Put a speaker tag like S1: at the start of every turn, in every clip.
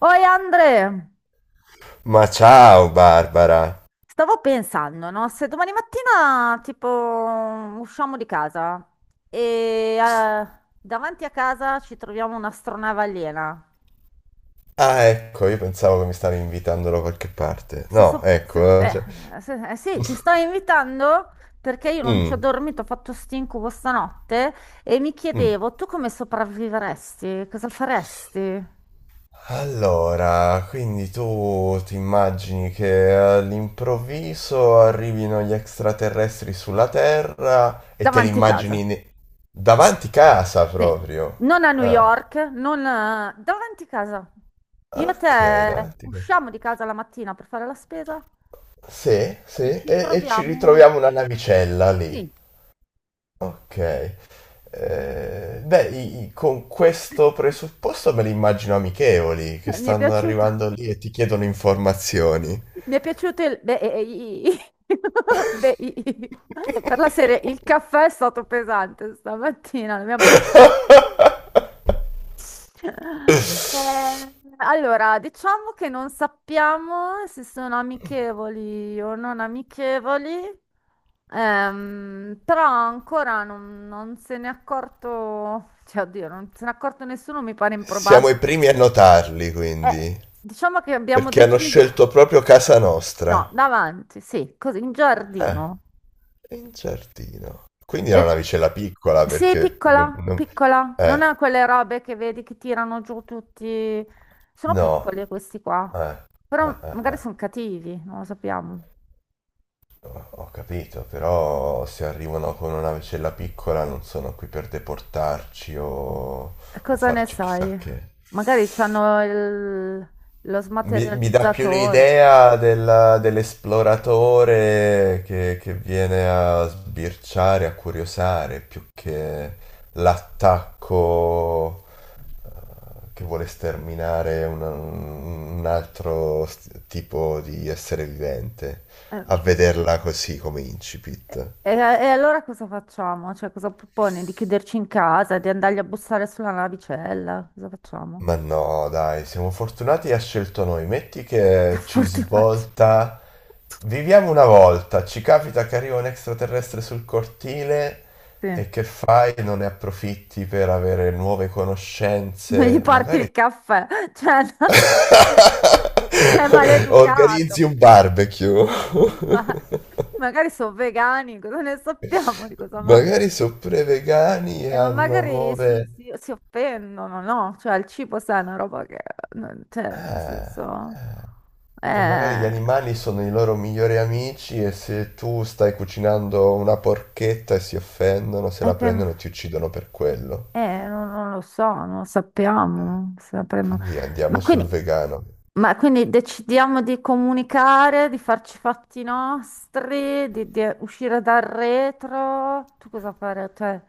S1: Oi Andre,
S2: Ma ciao Barbara!
S1: stavo pensando, no? Se domani mattina tipo usciamo di casa e davanti a casa ci troviamo un'astronave aliena.
S2: Ah, ecco, io pensavo che mi stavi invitando da qualche parte.
S1: Se
S2: No,
S1: so- se-
S2: ecco. Cioè,
S1: se- sì, ti sto invitando perché io non ci ho
S2: mm,
S1: dormito, ho fatto stinco stanotte e mi
S2: mm.
S1: chiedevo tu come sopravviveresti? Cosa faresti
S2: Allora, quindi tu ti immagini che all'improvviso arrivino gli extraterrestri sulla Terra e te li
S1: davanti a casa?
S2: immagini davanti casa
S1: Sì,
S2: proprio.
S1: non a New
S2: Ah,
S1: York, non a- davanti casa. Io e
S2: ok,
S1: te
S2: davanti casa.
S1: usciamo di casa la mattina per fare la spesa
S2: Sì, sì,
S1: e ci
S2: e ci
S1: troviamo.
S2: ritroviamo una navicella lì.
S1: Sì,
S2: Ok. Beh, con questo presupposto me li immagino amichevoli, che
S1: mi è
S2: stanno
S1: piaciuto.
S2: arrivando lì e ti chiedono informazioni.
S1: Mi è piaciuto. Beh, beh, per la serie, il caffè è stato pesante stamattina. L'abbiamo Eh, allora, diciamo che non sappiamo se sono amichevoli o non amichevoli, però ancora non se n'è accorto, cioè, oddio, non se n'è accorto nessuno, mi pare
S2: Siamo i
S1: improbabile.
S2: primi a notarli,
S1: Eh,
S2: quindi,
S1: diciamo che abbiamo
S2: perché hanno
S1: deciso.
S2: scelto proprio casa
S1: No,
S2: nostra.
S1: davanti, sì, così, in
S2: Ah,
S1: giardino.
S2: in giardino. Quindi era una
S1: Eh,
S2: vicella piccola,
S1: sì,
S2: perché...
S1: piccola, piccola, non
S2: eh,
S1: ha quelle robe che vedi che tirano giù tutti. Sono
S2: no.
S1: piccoli questi qua,
S2: Eh, eh,
S1: però
S2: eh,
S1: magari
S2: eh,
S1: sono cattivi, non lo sappiamo.
S2: ho capito, però se arrivano con una navicella piccola non sono qui per deportarci o,
S1: E
S2: o
S1: cosa ne
S2: farci chissà
S1: sai?
S2: che.
S1: Magari c'hanno lo
S2: Mi dà più
S1: smaterializzatore.
S2: l'idea dell'esploratore che viene a sbirciare, a curiosare, più che l'attacco eh, che vuole sterminare un altro tipo di essere vivente,
S1: Eh,
S2: a vederla così come incipit.
S1: e allora cosa facciamo? Cioè, cosa proponi? Di chiuderci in casa, di andargli a bussare sulla navicella? Cosa facciamo?
S2: Ma no, dai, siamo fortunati e ha scelto noi. Metti che ci
S1: Fortunati.
S2: svolta. Viviamo una volta, ci capita che arriva un extraterrestre sul cortile
S1: Sì.
S2: e che fai? Non ne approfitti per avere nuove
S1: Non gli
S2: conoscenze,
S1: porti
S2: magari
S1: il caffè. Cioè, no. È
S2: organizzi
S1: maleducato.
S2: un barbecue.
S1: Ma magari sono vegani, cosa ne sappiamo di cosa
S2: Magari
S1: mangiano?
S2: sono pre-vegani e
S1: Ma
S2: hanno
S1: magari si,
S2: nuove.
S1: si- si offendono, no? Cioè, il cibo, sai, è una roba che...
S2: Eh,
S1: Cioè, nel senso...
S2: eh. E magari gli
S1: Eh,
S2: animali sono i loro migliori amici e se tu stai cucinando una porchetta e si offendono, se
S1: è
S2: la
S1: che...
S2: prendono e ti uccidono per quello.
S1: non lo so, non lo sappiamo. Sapremo.
S2: Quindi
S1: Ma
S2: andiamo sul
S1: quindi...
S2: vegano.
S1: Ma quindi decidiamo di comunicare, di farci i fatti nostri, di uscire dal retro. Tu cosa fare? Cioè...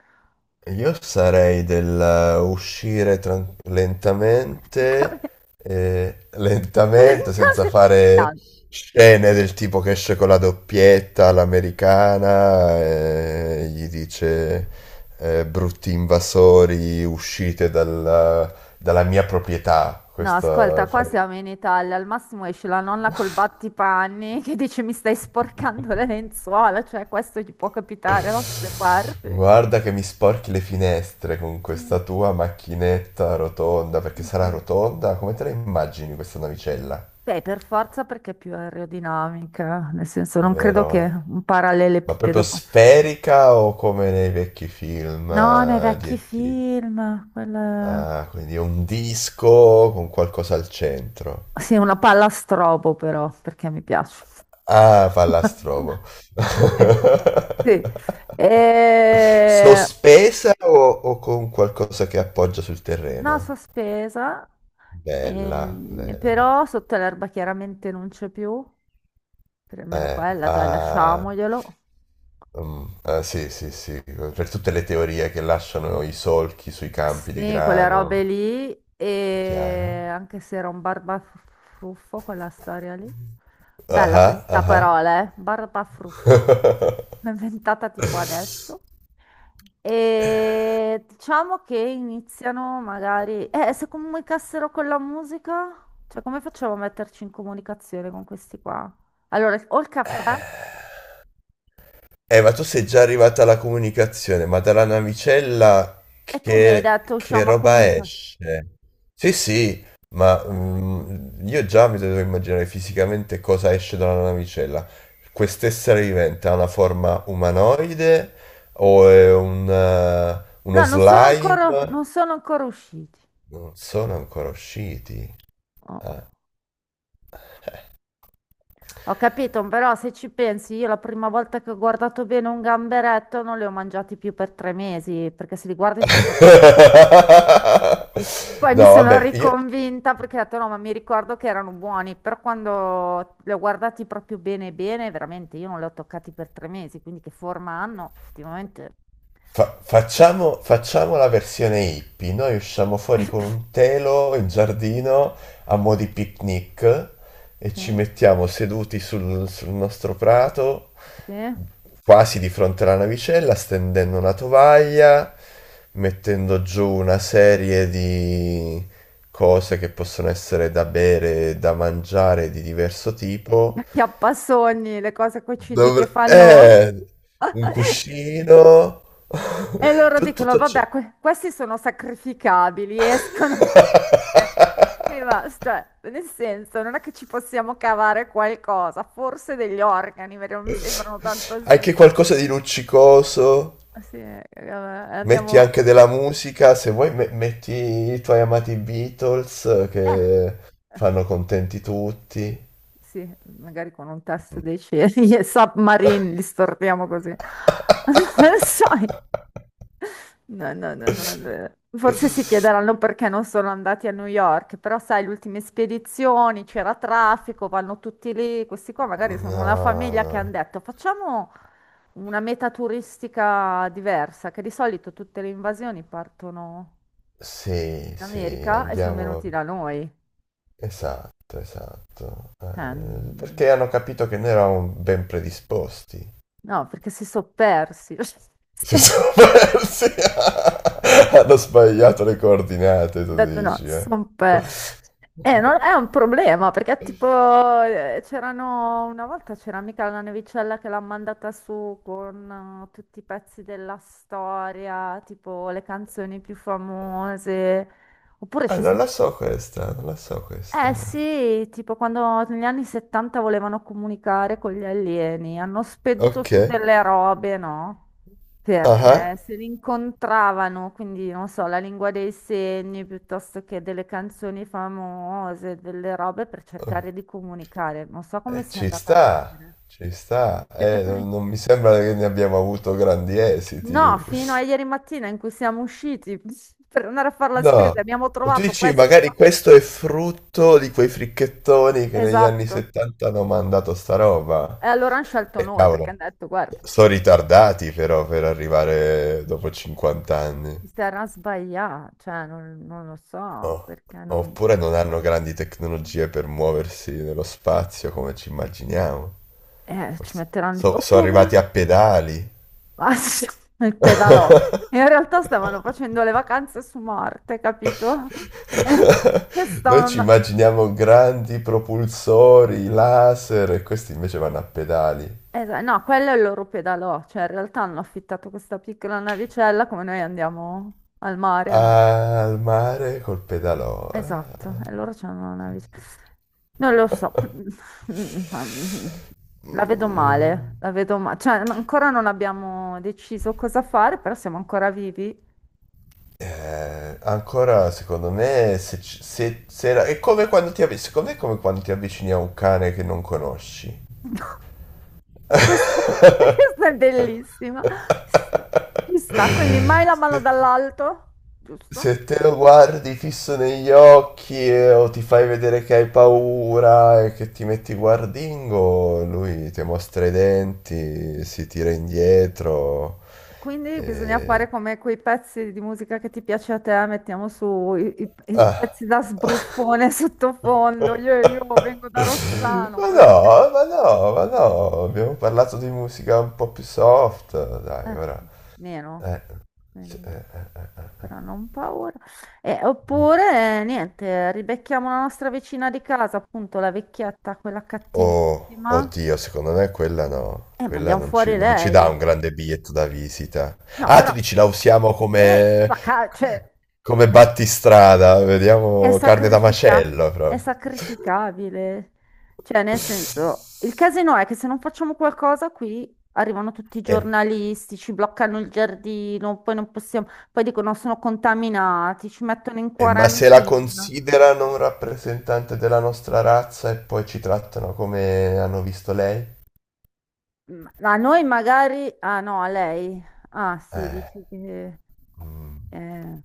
S2: Io sarei del uscire lentamente, eh, lentamente, senza fare scene del tipo che esce con la doppietta all'americana e gli dice brutti invasori, uscite dalla, mia proprietà.
S1: No,
S2: Questo
S1: ascolta, qua
S2: farei.
S1: siamo in Italia, al massimo esce la nonna col battipanni che dice mi stai sporcando le lenzuola, cioè questo gli può capitare da queste parti.
S2: Guarda che mi sporchi le finestre con questa
S1: Sì,
S2: tua macchinetta rotonda,
S1: sì,
S2: perché sarà
S1: sì.
S2: rotonda? Come te la immagini questa navicella?
S1: Beh, per forza perché è più aerodinamica, nel senso non credo che
S2: Vero?
S1: un
S2: Ma proprio
S1: parallelepipedo possa...
S2: sferica o come nei vecchi film
S1: No, nei
S2: di
S1: vecchi
S2: E.T.?
S1: film, quella...
S2: Ah, quindi è un disco con qualcosa al centro.
S1: Sì, una palla a strobo però, perché mi piace.
S2: Ah, pallastromo.
S1: Eh, Sì. E...
S2: Sospesa o con qualcosa che appoggia sul
S1: No,
S2: terreno?
S1: sospesa,
S2: Bella, bella.
S1: però sotto l'erba chiaramente non c'è più, per almeno quella, dai,
S2: Ah,
S1: lasciamoglielo.
S2: sì, sì, sì, per tutte le teorie che lasciano i solchi sui campi di
S1: Sì, quelle robe
S2: grano,
S1: lì,
S2: chiaro?
S1: e anche se era un barbafruffo quella storia lì. Bella
S2: Ah,
S1: questa
S2: ah,
S1: parola, eh? Barbafruffo.
S2: ah.
S1: L'ho inventata tipo adesso. E diciamo che iniziano magari... Se comunicassero con la musica? Cioè, come facciamo a metterci in comunicazione con questi qua? Allora, ho il caffè
S2: Ma tu sei già arrivata alla comunicazione, ma dalla navicella
S1: e tu mi hai
S2: che,
S1: detto
S2: che
S1: usciamo a
S2: roba
S1: comunicare.
S2: esce? Sì, sì, ma io già mi devo immaginare fisicamente cosa esce dalla navicella. Quest'essere vivente ha una forma umanoide o è uno
S1: No, non sono
S2: slime?
S1: ancora, non sono ancora usciti.
S2: Non sono ancora usciti.
S1: Oh.
S2: Ah.
S1: Ho capito, però se ci pensi, io la prima volta che ho guardato bene un gamberetto non li ho mangiati più per 3 mesi, perché se li guardi sono proprio... Poi mi
S2: No,
S1: sono
S2: vabbè, io,
S1: riconvinta perché ho detto no, ma mi ricordo che erano buoni, però quando li ho guardati proprio bene bene, veramente io non li ho toccati per 3 mesi, quindi che forma hanno? Effettivamente,
S2: Fa- facciamo, facciamo la versione hippie, noi usciamo fuori con un telo in giardino a mo' di picnic e
S1: sì,
S2: ci mettiamo seduti sul nostro prato,
S1: sì.
S2: quasi di fronte alla navicella, stendendo una tovaglia, mettendo giù una serie di cose che possono essere da bere, da mangiare di diverso tipo.
S1: Acchiappasogni, le cose QCD che
S2: Dovre-
S1: fanno.
S2: eh, un cuscino,
S1: E loro
S2: tutto
S1: dicono,
S2: tutto ciò.
S1: vabbè, questi sono sacrificabili, escono. Sì, ma, cioè, nel senso, non è che ci possiamo cavare qualcosa, forse degli organi, perché non mi sembrano tanto
S2: Anche
S1: svegli.
S2: qualcosa di luccicoso.
S1: Ah, sì,
S2: Metti
S1: andiamo...
S2: anche della musica, se vuoi metti i tuoi amati Beatles
S1: eh,
S2: che fanno contenti tutti.
S1: Sì, magari con un testo dei cieli, e submarine, li storpiamo così. Non lo so. No, no, no, no, no. Forse si chiederanno perché non sono andati a New York, però sai, le ultime spedizioni, c'era traffico, vanno tutti lì, questi qua magari sono una
S2: No,
S1: famiglia che hanno
S2: no.
S1: detto facciamo una meta turistica diversa, che di solito tutte le invasioni partono
S2: Sì,
S1: in
S2: sì,
S1: America e sono venuti
S2: andiamo.
S1: da noi.
S2: Esatto, esatto.
S1: Cioè,
S2: Perché hanno capito che noi eravamo ben predisposti.
S1: no, perché si sono persi.
S2: Si sono persi. Hanno sbagliato le coordinate,
S1: Ho
S2: tu
S1: detto no,
S2: dici,
S1: si
S2: eh.
S1: sono E non è un problema, perché tipo c'erano una volta c'era mica la nevicella che l'ha mandata su con tutti i pezzi della storia, tipo le canzoni più famose. Oppure
S2: Ah,
S1: ci
S2: non
S1: sono
S2: la so questa, non la so questa,
S1: Eh
S2: no.
S1: sì, tipo quando negli anni 70 volevano comunicare con gli alieni, hanno spedito
S2: Ok.
S1: su delle robe, no?
S2: Ah,
S1: Perché se li incontravano, quindi non so, la lingua dei segni piuttosto che delle canzoni famose, delle robe per
S2: ah.
S1: cercare di comunicare. Non so come sia
S2: Ci
S1: andata a
S2: sta,
S1: finire.
S2: ci sta.
S1: Perché pre-
S2: Non mi sembra che ne abbiamo avuto grandi esiti.
S1: no, fino a ieri mattina in cui siamo usciti per andare a fare la spesa,
S2: No.
S1: abbiamo
S2: O tu
S1: trovato
S2: dici,
S1: questi qua.
S2: magari questo è frutto di quei fricchettoni che negli anni
S1: Esatto.
S2: 70 hanno mandato sta roba.
S1: E allora hanno scelto noi
S2: Cavolo,
S1: perché hanno detto, guarda.
S2: sono ritardati però per arrivare dopo 50
S1: Si
S2: anni.
S1: sarà sbagliato, cioè non lo so
S2: Oh.
S1: perché non...
S2: Oppure non hanno grandi tecnologie per muoversi nello spazio come ci immaginiamo.
S1: Ci
S2: Forse
S1: metteranno di più.
S2: sono arrivati
S1: Oppure
S2: a pedali.
S1: ah, sì, il pedalò. In realtà stavano facendo le vacanze su Marte, capito? E, e
S2: Noi ci
S1: stavano...
S2: immaginiamo grandi propulsori, laser, e questi invece vanno a pedali.
S1: No, quello è il loro pedalò, cioè in realtà hanno affittato questa piccola navicella come noi andiamo al mare, no?
S2: Al mare col pedalò.
S1: Esatto,
S2: Ah.
S1: e loro c'hanno una
S2: Sì,
S1: visione.
S2: sì, sì.
S1: Non lo so, la vedo
S2: Mm,
S1: male, la vedo male. Cioè, ancora non abbiamo deciso cosa fare, però siamo ancora vivi.
S2: ancora secondo me se, ci- se, se era- è come quando ti, avvi- secondo me è come quando ti avvicini a un cane che non conosci.
S1: Questa, questa è bellissima. Sì, ci sta, quindi mai la mano
S2: Se, te-
S1: dall'alto, giusto?
S2: se te lo guardi fisso negli occhi o ti fai vedere che hai paura e che ti metti guardingo, lui ti mostra i denti, si tira indietro.
S1: Quindi bisogna
S2: e-
S1: fare come quei pezzi di musica che ti piace a te, mettiamo su i
S2: Ah.
S1: pezzi da sbruffone sottofondo. Io vengo da Rozzano,
S2: Ma
S1: quelle robe lì.
S2: no, ma no, ma no, abbiamo parlato di musica un po' più soft, dai,
S1: Eh,
S2: ora.
S1: meno,
S2: Eh. Sì.
S1: però non paura. Oppure, niente, ribecchiamo la nostra vicina di casa, appunto la vecchietta, quella
S2: Oh,
S1: cattivissima,
S2: oddio, secondo me quella no.
S1: e
S2: Quella
S1: mandiamo
S2: non ci,
S1: fuori
S2: non ci dà
S1: lei.
S2: un grande biglietto da visita.
S1: No,
S2: Ah, tu
S1: però,
S2: dici la usiamo
S1: e
S2: come,
S1: cioè,
S2: come
S1: è,
S2: battistrada.
S1: è
S2: Vediamo carne da macello
S1: è
S2: proprio.
S1: sacrificabile. Cioè, nel senso, il casino è che se non facciamo qualcosa qui, arrivano tutti i
S2: Eh,
S1: giornalisti, ci bloccano il giardino, poi non possiamo, poi dicono sono contaminati, ci mettono in
S2: ma se la
S1: quarantena.
S2: considerano un rappresentante della nostra razza e poi ci trattano come hanno visto lei?
S1: A noi magari... Ah no, a lei. Ah sì,
S2: Eh.
S1: dici che...
S2: Mm.
S1: eh, mm,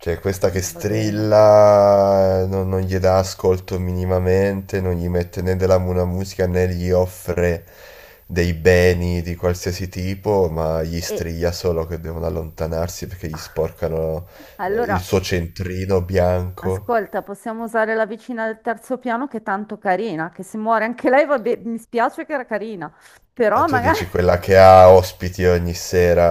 S2: Cioè, questa che
S1: va bene.
S2: strilla, non gli dà ascolto minimamente, non gli mette né della buona musica né gli offre dei beni di qualsiasi tipo, ma gli
S1: E
S2: strilla solo che devono allontanarsi perché gli sporcano il
S1: allora,
S2: suo centrino bianco.
S1: ascolta, possiamo usare la vicina del terzo piano che è tanto carina, che se muore anche lei, va bene, mi spiace che era carina,
S2: Ah,
S1: però
S2: tu
S1: magari...
S2: dici quella che ha ospiti ogni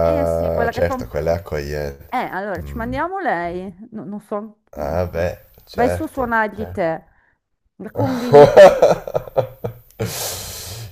S1: Eh sì, quella che fa
S2: certo,
S1: un po'...
S2: quella è accogliente.
S1: Allora, ci
S2: Mm.
S1: mandiamo lei. Non so...
S2: Ah, beh,
S1: Vai su a
S2: certo,
S1: suonargli
S2: certo.
S1: te. La convinci.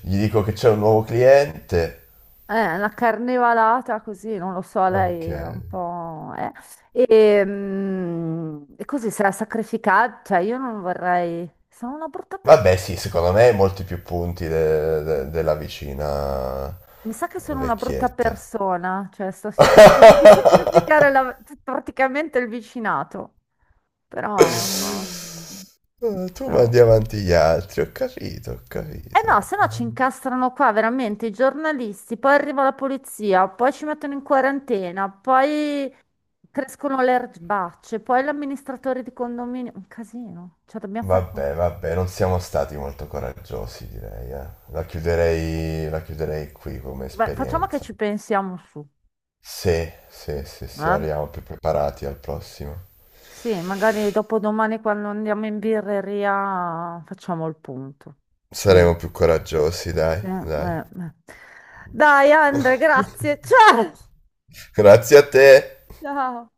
S2: Gli dico che c'è un nuovo cliente.
S1: La carnevalata così, non lo so,
S2: Ok.
S1: lei è un po'... E, e così sarà sacrificata, cioè io non vorrei... Sono una brutta persona.
S2: Vabbè, sì, secondo me molti più punti della vicina
S1: Mi sa che sono una brutta
S2: vecchietta.
S1: persona, cioè sto cercando di sacrificare praticamente il vicinato, però no, non
S2: Tu mandi
S1: so.
S2: avanti gli altri, ho capito, ho
S1: Eh
S2: capito.
S1: no, se no ci incastrano qua veramente i giornalisti, poi arriva la polizia, poi ci mettono in quarantena, poi crescono le erbacce, poi l'amministratore di condominio. Un casino. Cioè, dobbiamo far...
S2: Vabbè, vabbè, non siamo stati molto coraggiosi, direi, eh. La chiuderei qui come
S1: Beh, facciamo che
S2: esperienza.
S1: ci pensiamo su.
S2: Sì, sì, sì, sì,
S1: Eh?
S2: arriviamo più preparati al prossimo.
S1: Sì, magari dopo domani quando andiamo in birreria facciamo il punto. Meglio.
S2: Saremo più coraggiosi, dai,
S1: Sì, eh,
S2: dai.
S1: eh. Dai, Andre, grazie. Ciao!
S2: Grazie a te.
S1: Ciao!